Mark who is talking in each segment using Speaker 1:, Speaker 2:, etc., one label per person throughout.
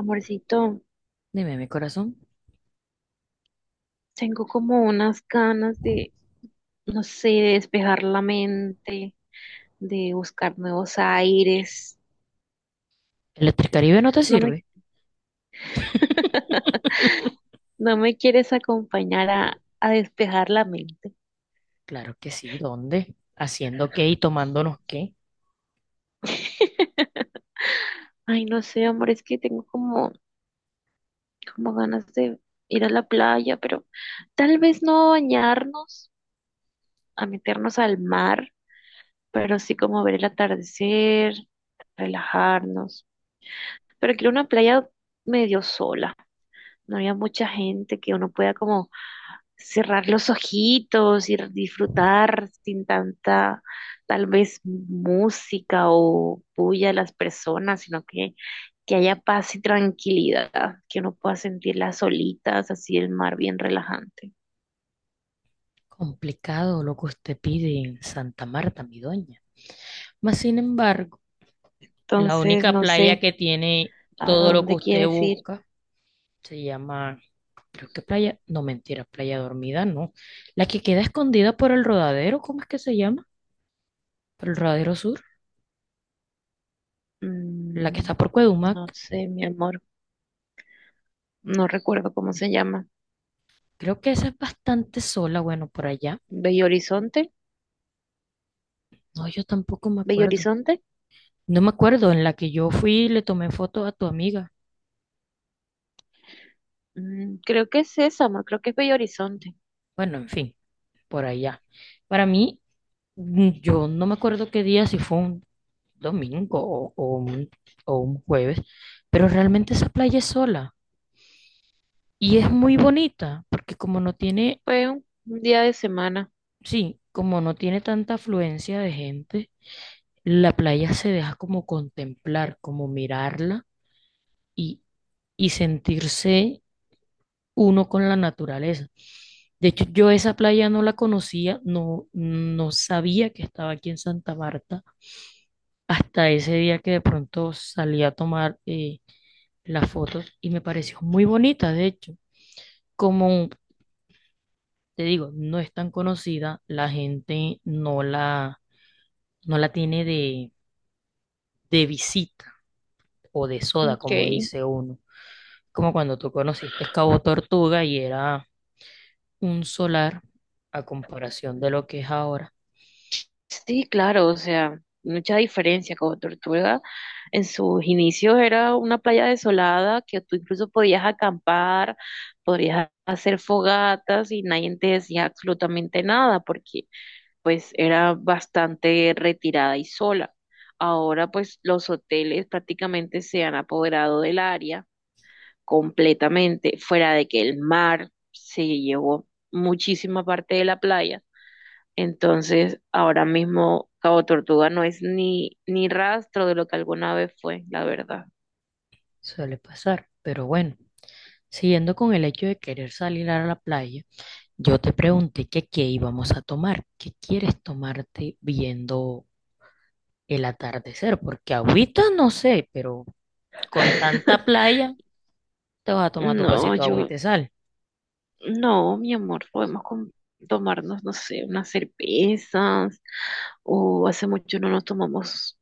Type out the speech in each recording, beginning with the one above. Speaker 1: Amorcito,
Speaker 2: Dime, mi corazón.
Speaker 1: tengo como unas ganas de, no sé, de despejar la mente, de buscar nuevos aires.
Speaker 2: ¿Electricaribe no te
Speaker 1: No me,
Speaker 2: sirve?
Speaker 1: no me quieres acompañar a despejar la mente.
Speaker 2: Claro que sí, ¿dónde? ¿Haciendo qué y tomándonos qué?
Speaker 1: Ay, no sé, amor, es que tengo como, como ganas de ir a la playa, pero tal vez no bañarnos, a meternos al mar, pero sí como ver el atardecer, relajarnos. Pero quiero una playa medio sola. No había mucha gente que uno pueda como cerrar los ojitos y disfrutar sin tanta, tal vez, música o bulla de las personas, sino que haya paz y tranquilidad, que uno pueda sentir las olitas, así el mar bien relajante.
Speaker 2: Complicado lo que usted pide en Santa Marta, mi doña. Mas, sin embargo, la
Speaker 1: Entonces,
Speaker 2: única
Speaker 1: no
Speaker 2: playa
Speaker 1: sé
Speaker 2: que tiene
Speaker 1: a
Speaker 2: todo lo que
Speaker 1: dónde
Speaker 2: usted
Speaker 1: quieres ir.
Speaker 2: busca se llama, creo que playa, no mentira, playa dormida, no. La que queda escondida por el rodadero, ¿cómo es que se llama? Por el rodadero sur, la que está
Speaker 1: Mm,
Speaker 2: por Cuedumac.
Speaker 1: no sé, mi amor, no recuerdo cómo se llama.
Speaker 2: Creo que esa es bastante sola, bueno, por allá.
Speaker 1: Bello Horizonte,
Speaker 2: No, yo tampoco me
Speaker 1: Bello
Speaker 2: acuerdo.
Speaker 1: Horizonte.
Speaker 2: No me acuerdo, en la que yo fui y le tomé foto a tu amiga.
Speaker 1: Mm, creo que es esa, amor, creo que es Bello Horizonte.
Speaker 2: Bueno, en fin, por allá. Para mí, yo no me acuerdo qué día, si fue un domingo o un jueves, pero realmente esa playa es sola y es muy bonita porque como no tiene,
Speaker 1: Fue un día de semana.
Speaker 2: sí, como no tiene tanta afluencia de gente, la playa se deja como contemplar, como mirarla y, y sentirse uno con la naturaleza. De hecho, yo esa playa no la conocía, no, no sabía que estaba aquí en Santa Marta hasta ese día que de pronto salí a tomar las fotos y me pareció muy bonita, de hecho. Como te digo, no es tan conocida, la gente no la tiene de visita o de soda,
Speaker 1: Ok.
Speaker 2: como dice uno. Como cuando tú conociste Cabo Tortuga y era un solar a comparación de lo que es ahora.
Speaker 1: Sí, claro, o sea, mucha diferencia como Tortuga. En sus inicios era una playa desolada que tú incluso podías acampar, podías hacer fogatas y nadie te decía absolutamente nada porque pues era bastante retirada y sola. Ahora pues los hoteles prácticamente se han apoderado del área completamente, fuera de que el mar se llevó muchísima parte de la playa. Entonces, ahora mismo Cabo Tortuga no es ni, ni rastro de lo que alguna vez fue, la verdad.
Speaker 2: Suele pasar, pero bueno, siguiendo con el hecho de querer salir a la playa, yo te pregunté que qué íbamos a tomar, qué quieres tomarte viendo el atardecer, porque agüita no sé, pero con tanta playa te vas a tomar tu
Speaker 1: No,
Speaker 2: pasito de
Speaker 1: yo,
Speaker 2: agüita y sal.
Speaker 1: no, mi amor, tomarnos, no sé, unas cervezas, o hace mucho no nos tomamos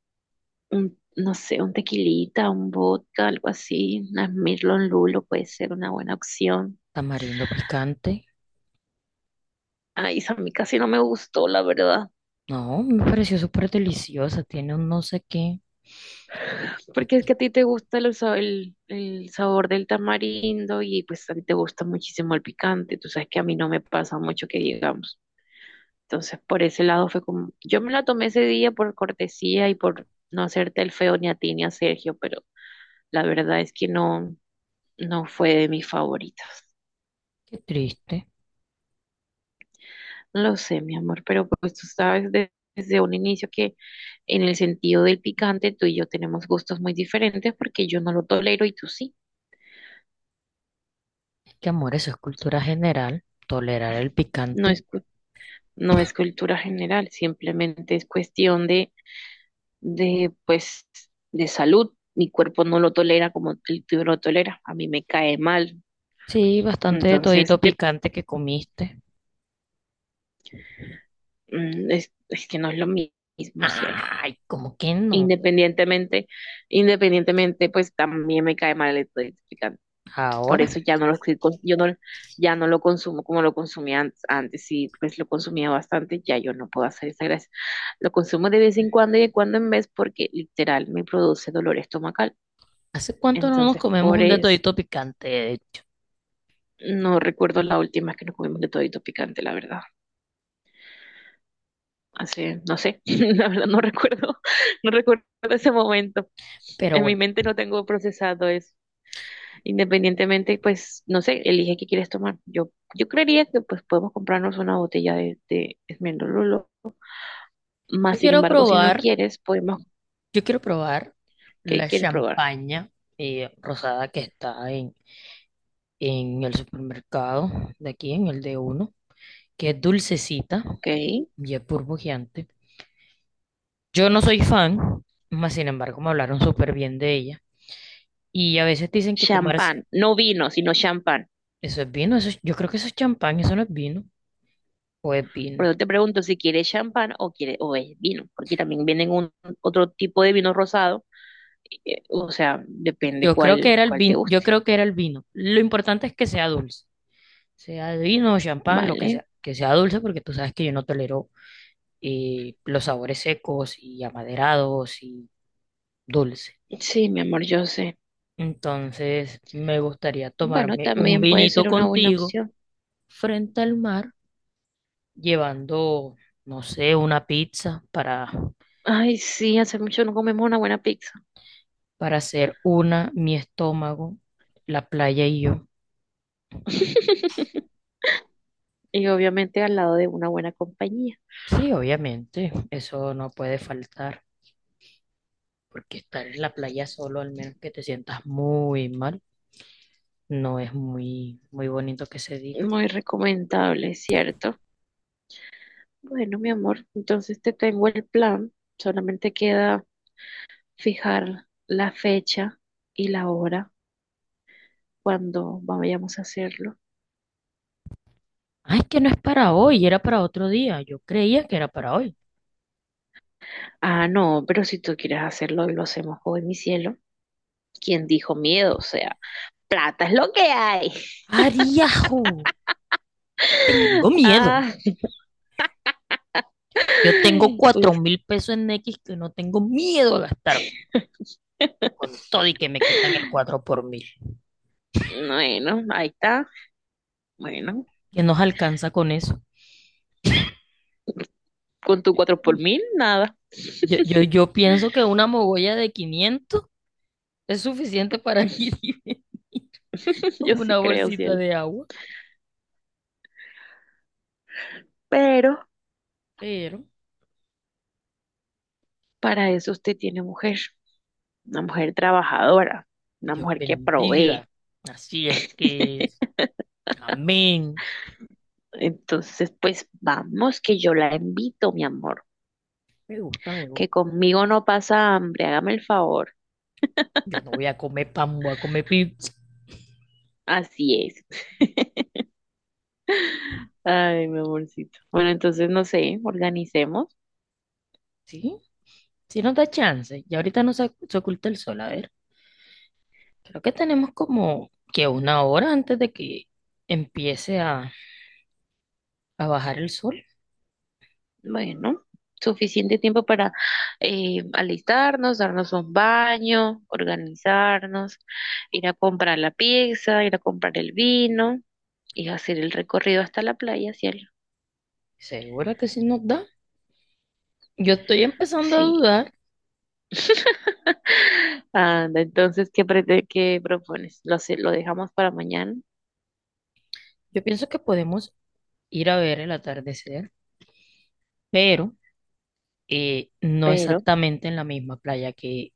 Speaker 1: un, no sé, un tequilita, un vodka, algo así, una Smirnoff Lulo puede ser una buena opción.
Speaker 2: Tamarindo picante,
Speaker 1: Ay, esa a mí casi no me gustó, la verdad.
Speaker 2: no, me pareció súper deliciosa, tiene un no sé qué.
Speaker 1: Porque es que a ti te gusta el sabor del tamarindo y pues a ti te gusta muchísimo el picante. Tú sabes que a mí no me pasa mucho que digamos. Entonces, por ese lado fue como, yo me la tomé ese día por cortesía y por no hacerte el feo ni a ti ni a Sergio, pero la verdad es que no, no fue de mis favoritas.
Speaker 2: Qué triste,
Speaker 1: No lo sé, mi amor, pero pues tú sabes desde un inicio que en el sentido del picante tú y yo tenemos gustos muy diferentes porque yo no lo tolero y tú sí.
Speaker 2: es que, amor, eso es cultura general, tolerar el
Speaker 1: No
Speaker 2: picante.
Speaker 1: es no es cultura general, simplemente es cuestión de, pues, de salud. Mi cuerpo no lo tolera como el tuyo lo tolera, a mí me cae mal.
Speaker 2: Sí, bastante de
Speaker 1: Entonces,
Speaker 2: todito picante que comiste.
Speaker 1: es que no es lo mismo cielo.
Speaker 2: Ay, como que no?
Speaker 1: Independientemente, independientemente, pues también me cae mal el electrificante. Por
Speaker 2: Ahora,
Speaker 1: eso ya no lo, estoy yo no, ya no lo consumo como lo consumía antes. Antes sí, pues lo consumía bastante, ya yo no puedo hacer esa gracia. Lo consumo de vez en cuando y de cuando en vez porque literal me produce dolor estomacal.
Speaker 2: ¿hace cuánto no nos
Speaker 1: Entonces,
Speaker 2: comemos
Speaker 1: por
Speaker 2: un
Speaker 1: eso
Speaker 2: detallito picante, de hecho?
Speaker 1: no recuerdo la última vez que nos comimos de todito picante, la verdad. Hace, no sé, la verdad no recuerdo, no recuerdo ese momento.
Speaker 2: Pero
Speaker 1: En mi
Speaker 2: bueno,
Speaker 1: mente no tengo procesado eso. Independientemente, pues, no sé, elige qué quieres tomar. Yo creería que pues podemos comprarnos una botella de Esmeralda.
Speaker 2: yo
Speaker 1: Más sin
Speaker 2: quiero
Speaker 1: embargo, si no
Speaker 2: probar,
Speaker 1: quieres, podemos,
Speaker 2: yo quiero probar
Speaker 1: ¿qué
Speaker 2: la
Speaker 1: quieres probar?
Speaker 2: champaña rosada que está en el supermercado de aquí, en el de uno, que es dulcecita
Speaker 1: Ok.
Speaker 2: y es burbujeante. Yo no soy fan, mas sin embargo me hablaron súper bien de ella. Y a veces dicen que tomar
Speaker 1: Champán, no vino, sino champán.
Speaker 2: eso es vino, eso yo creo que eso es champaña, eso no es vino, o es
Speaker 1: Por
Speaker 2: vino.
Speaker 1: eso te pregunto si quieres champán o quiere, o es vino, porque también vienen un, otro tipo de vino rosado, o sea, depende cuál, cuál te
Speaker 2: Yo
Speaker 1: guste.
Speaker 2: creo que era el vino. Lo importante es que sea dulce, sea de vino, champán, lo
Speaker 1: Vale.
Speaker 2: que sea dulce, porque tú sabes que yo no tolero los sabores secos y amaderados y dulce.
Speaker 1: Sí, mi amor, yo sé.
Speaker 2: Entonces, me gustaría
Speaker 1: Bueno,
Speaker 2: tomarme un
Speaker 1: también puede
Speaker 2: vinito
Speaker 1: ser una buena
Speaker 2: contigo
Speaker 1: opción.
Speaker 2: frente al mar, llevando, no sé, una pizza
Speaker 1: Ay, sí, hace mucho no comemos una buena pizza.
Speaker 2: para hacer una, mi estómago, la playa y yo.
Speaker 1: Y obviamente al lado de una buena compañía.
Speaker 2: Sí, obviamente, eso no puede faltar, porque estar en la playa solo, al menos que te sientas muy mal, no es muy bonito que se diga.
Speaker 1: Muy recomendable, ¿cierto? Bueno, mi amor, entonces te tengo el plan. Solamente queda fijar la fecha y la hora cuando vayamos a hacerlo.
Speaker 2: Ay, que no es para hoy, era para otro día. Yo creía que era para hoy.
Speaker 1: Ah, no, pero si tú quieres hacerlo, lo hacemos hoy, mi cielo. ¿Quién dijo miedo? O sea, plata es lo que hay.
Speaker 2: ¡Ariajo! Tengo miedo.
Speaker 1: Ah,
Speaker 2: Yo tengo cuatro
Speaker 1: uf,
Speaker 2: mil pesos en X que no tengo miedo a gastarme con todo y que me quitan el cuatro por mil.
Speaker 1: bueno, ahí está. Bueno,
Speaker 2: ¿Qué nos alcanza con eso?
Speaker 1: con tu cuatro por mil, nada.
Speaker 2: Yo pienso que una mogolla de 500 es suficiente para ir y venir con
Speaker 1: Yo sí
Speaker 2: una
Speaker 1: creo,
Speaker 2: bolsita
Speaker 1: cielo.
Speaker 2: de agua,
Speaker 1: Pero
Speaker 2: pero
Speaker 1: para eso usted tiene mujer, una mujer trabajadora, una
Speaker 2: Dios
Speaker 1: mujer que provee.
Speaker 2: bendiga. Así es que, amén.
Speaker 1: Entonces, pues vamos, que yo la invito, mi amor,
Speaker 2: Me gusta, me
Speaker 1: que
Speaker 2: gusta.
Speaker 1: conmigo no pasa hambre, hágame el favor.
Speaker 2: Ya no voy a comer pan, voy a comer pizza.
Speaker 1: Así es. Ay, mi amorcito. Bueno, entonces no sé, organicemos.
Speaker 2: ¿Sí? Sí nos da chance. Y ahorita no se, se oculta el sol. A ver, creo que tenemos como que 1 hora antes de que empiece a bajar el sol.
Speaker 1: Bueno, suficiente tiempo para alistarnos, darnos un baño, organizarnos, ir a comprar la pizza, ir a comprar el vino y hacer el recorrido hasta la playa, cielo.
Speaker 2: ¿Seguro que sí nos da? Yo estoy empezando a
Speaker 1: Sí.
Speaker 2: dudar.
Speaker 1: Anda, entonces, ¿qué, qué propones? Lo dejamos para mañana,
Speaker 2: Yo pienso que podemos ir a ver el atardecer, pero no
Speaker 1: pero
Speaker 2: exactamente en la misma playa que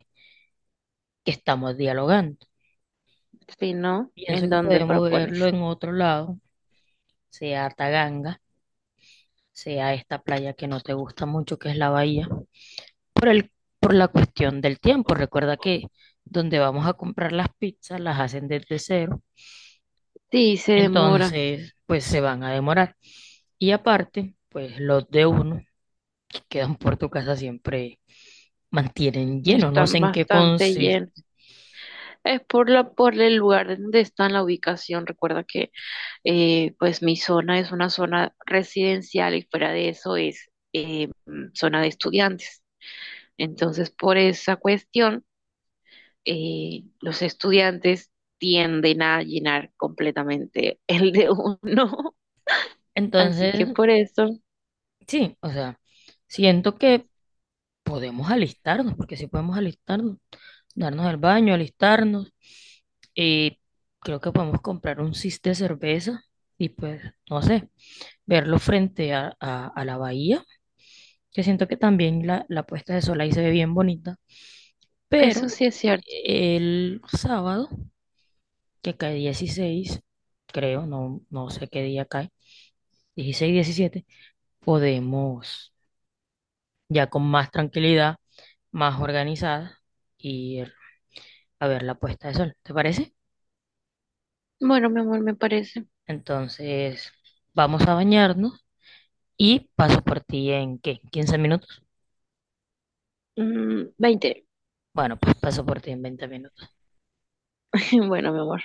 Speaker 2: que estamos dialogando.
Speaker 1: si no,
Speaker 2: Pienso
Speaker 1: ¿en
Speaker 2: que
Speaker 1: dónde
Speaker 2: podemos verlo
Speaker 1: propones?
Speaker 2: en otro lado, sea a Taganga, sea a esta playa que no te gusta mucho, que es la bahía, por el, por la cuestión del tiempo. Recuerda que donde vamos a comprar las pizzas las hacen desde cero,
Speaker 1: Sí, se demora.
Speaker 2: entonces pues se van a demorar. Y aparte, pues los de uno que quedan por tu casa siempre mantienen lleno, no sé
Speaker 1: Están
Speaker 2: en qué
Speaker 1: bastante
Speaker 2: consiste.
Speaker 1: llenos. Es por la, por el lugar donde está la ubicación. Recuerda que pues mi zona es una zona residencial y fuera de eso es zona de estudiantes. Entonces, por esa cuestión, los estudiantes tienden a llenar completamente el de uno. Así que
Speaker 2: Entonces,
Speaker 1: por eso,
Speaker 2: sí, o sea, siento que porque sí podemos alistarnos, darnos el baño, alistarnos. Y creo que podemos comprar un cis de cerveza y pues, no sé, verlo frente a la bahía. Yo siento que también la puesta de sol ahí se ve bien bonita.
Speaker 1: eso
Speaker 2: Pero
Speaker 1: sí es cierto.
Speaker 2: el sábado, que cae 16 creo, no, no sé qué día cae, 16, 17, podemos ya con más tranquilidad, más organizada, ir a ver la puesta de sol. ¿Te parece?
Speaker 1: Bueno, mi amor, me parece.
Speaker 2: Entonces, vamos a bañarnos y paso por ti en ¿qué? ¿15 minutos?
Speaker 1: Mm, 20.
Speaker 2: Bueno, pues paso por ti en 20 minutos.
Speaker 1: Bueno, mi amor.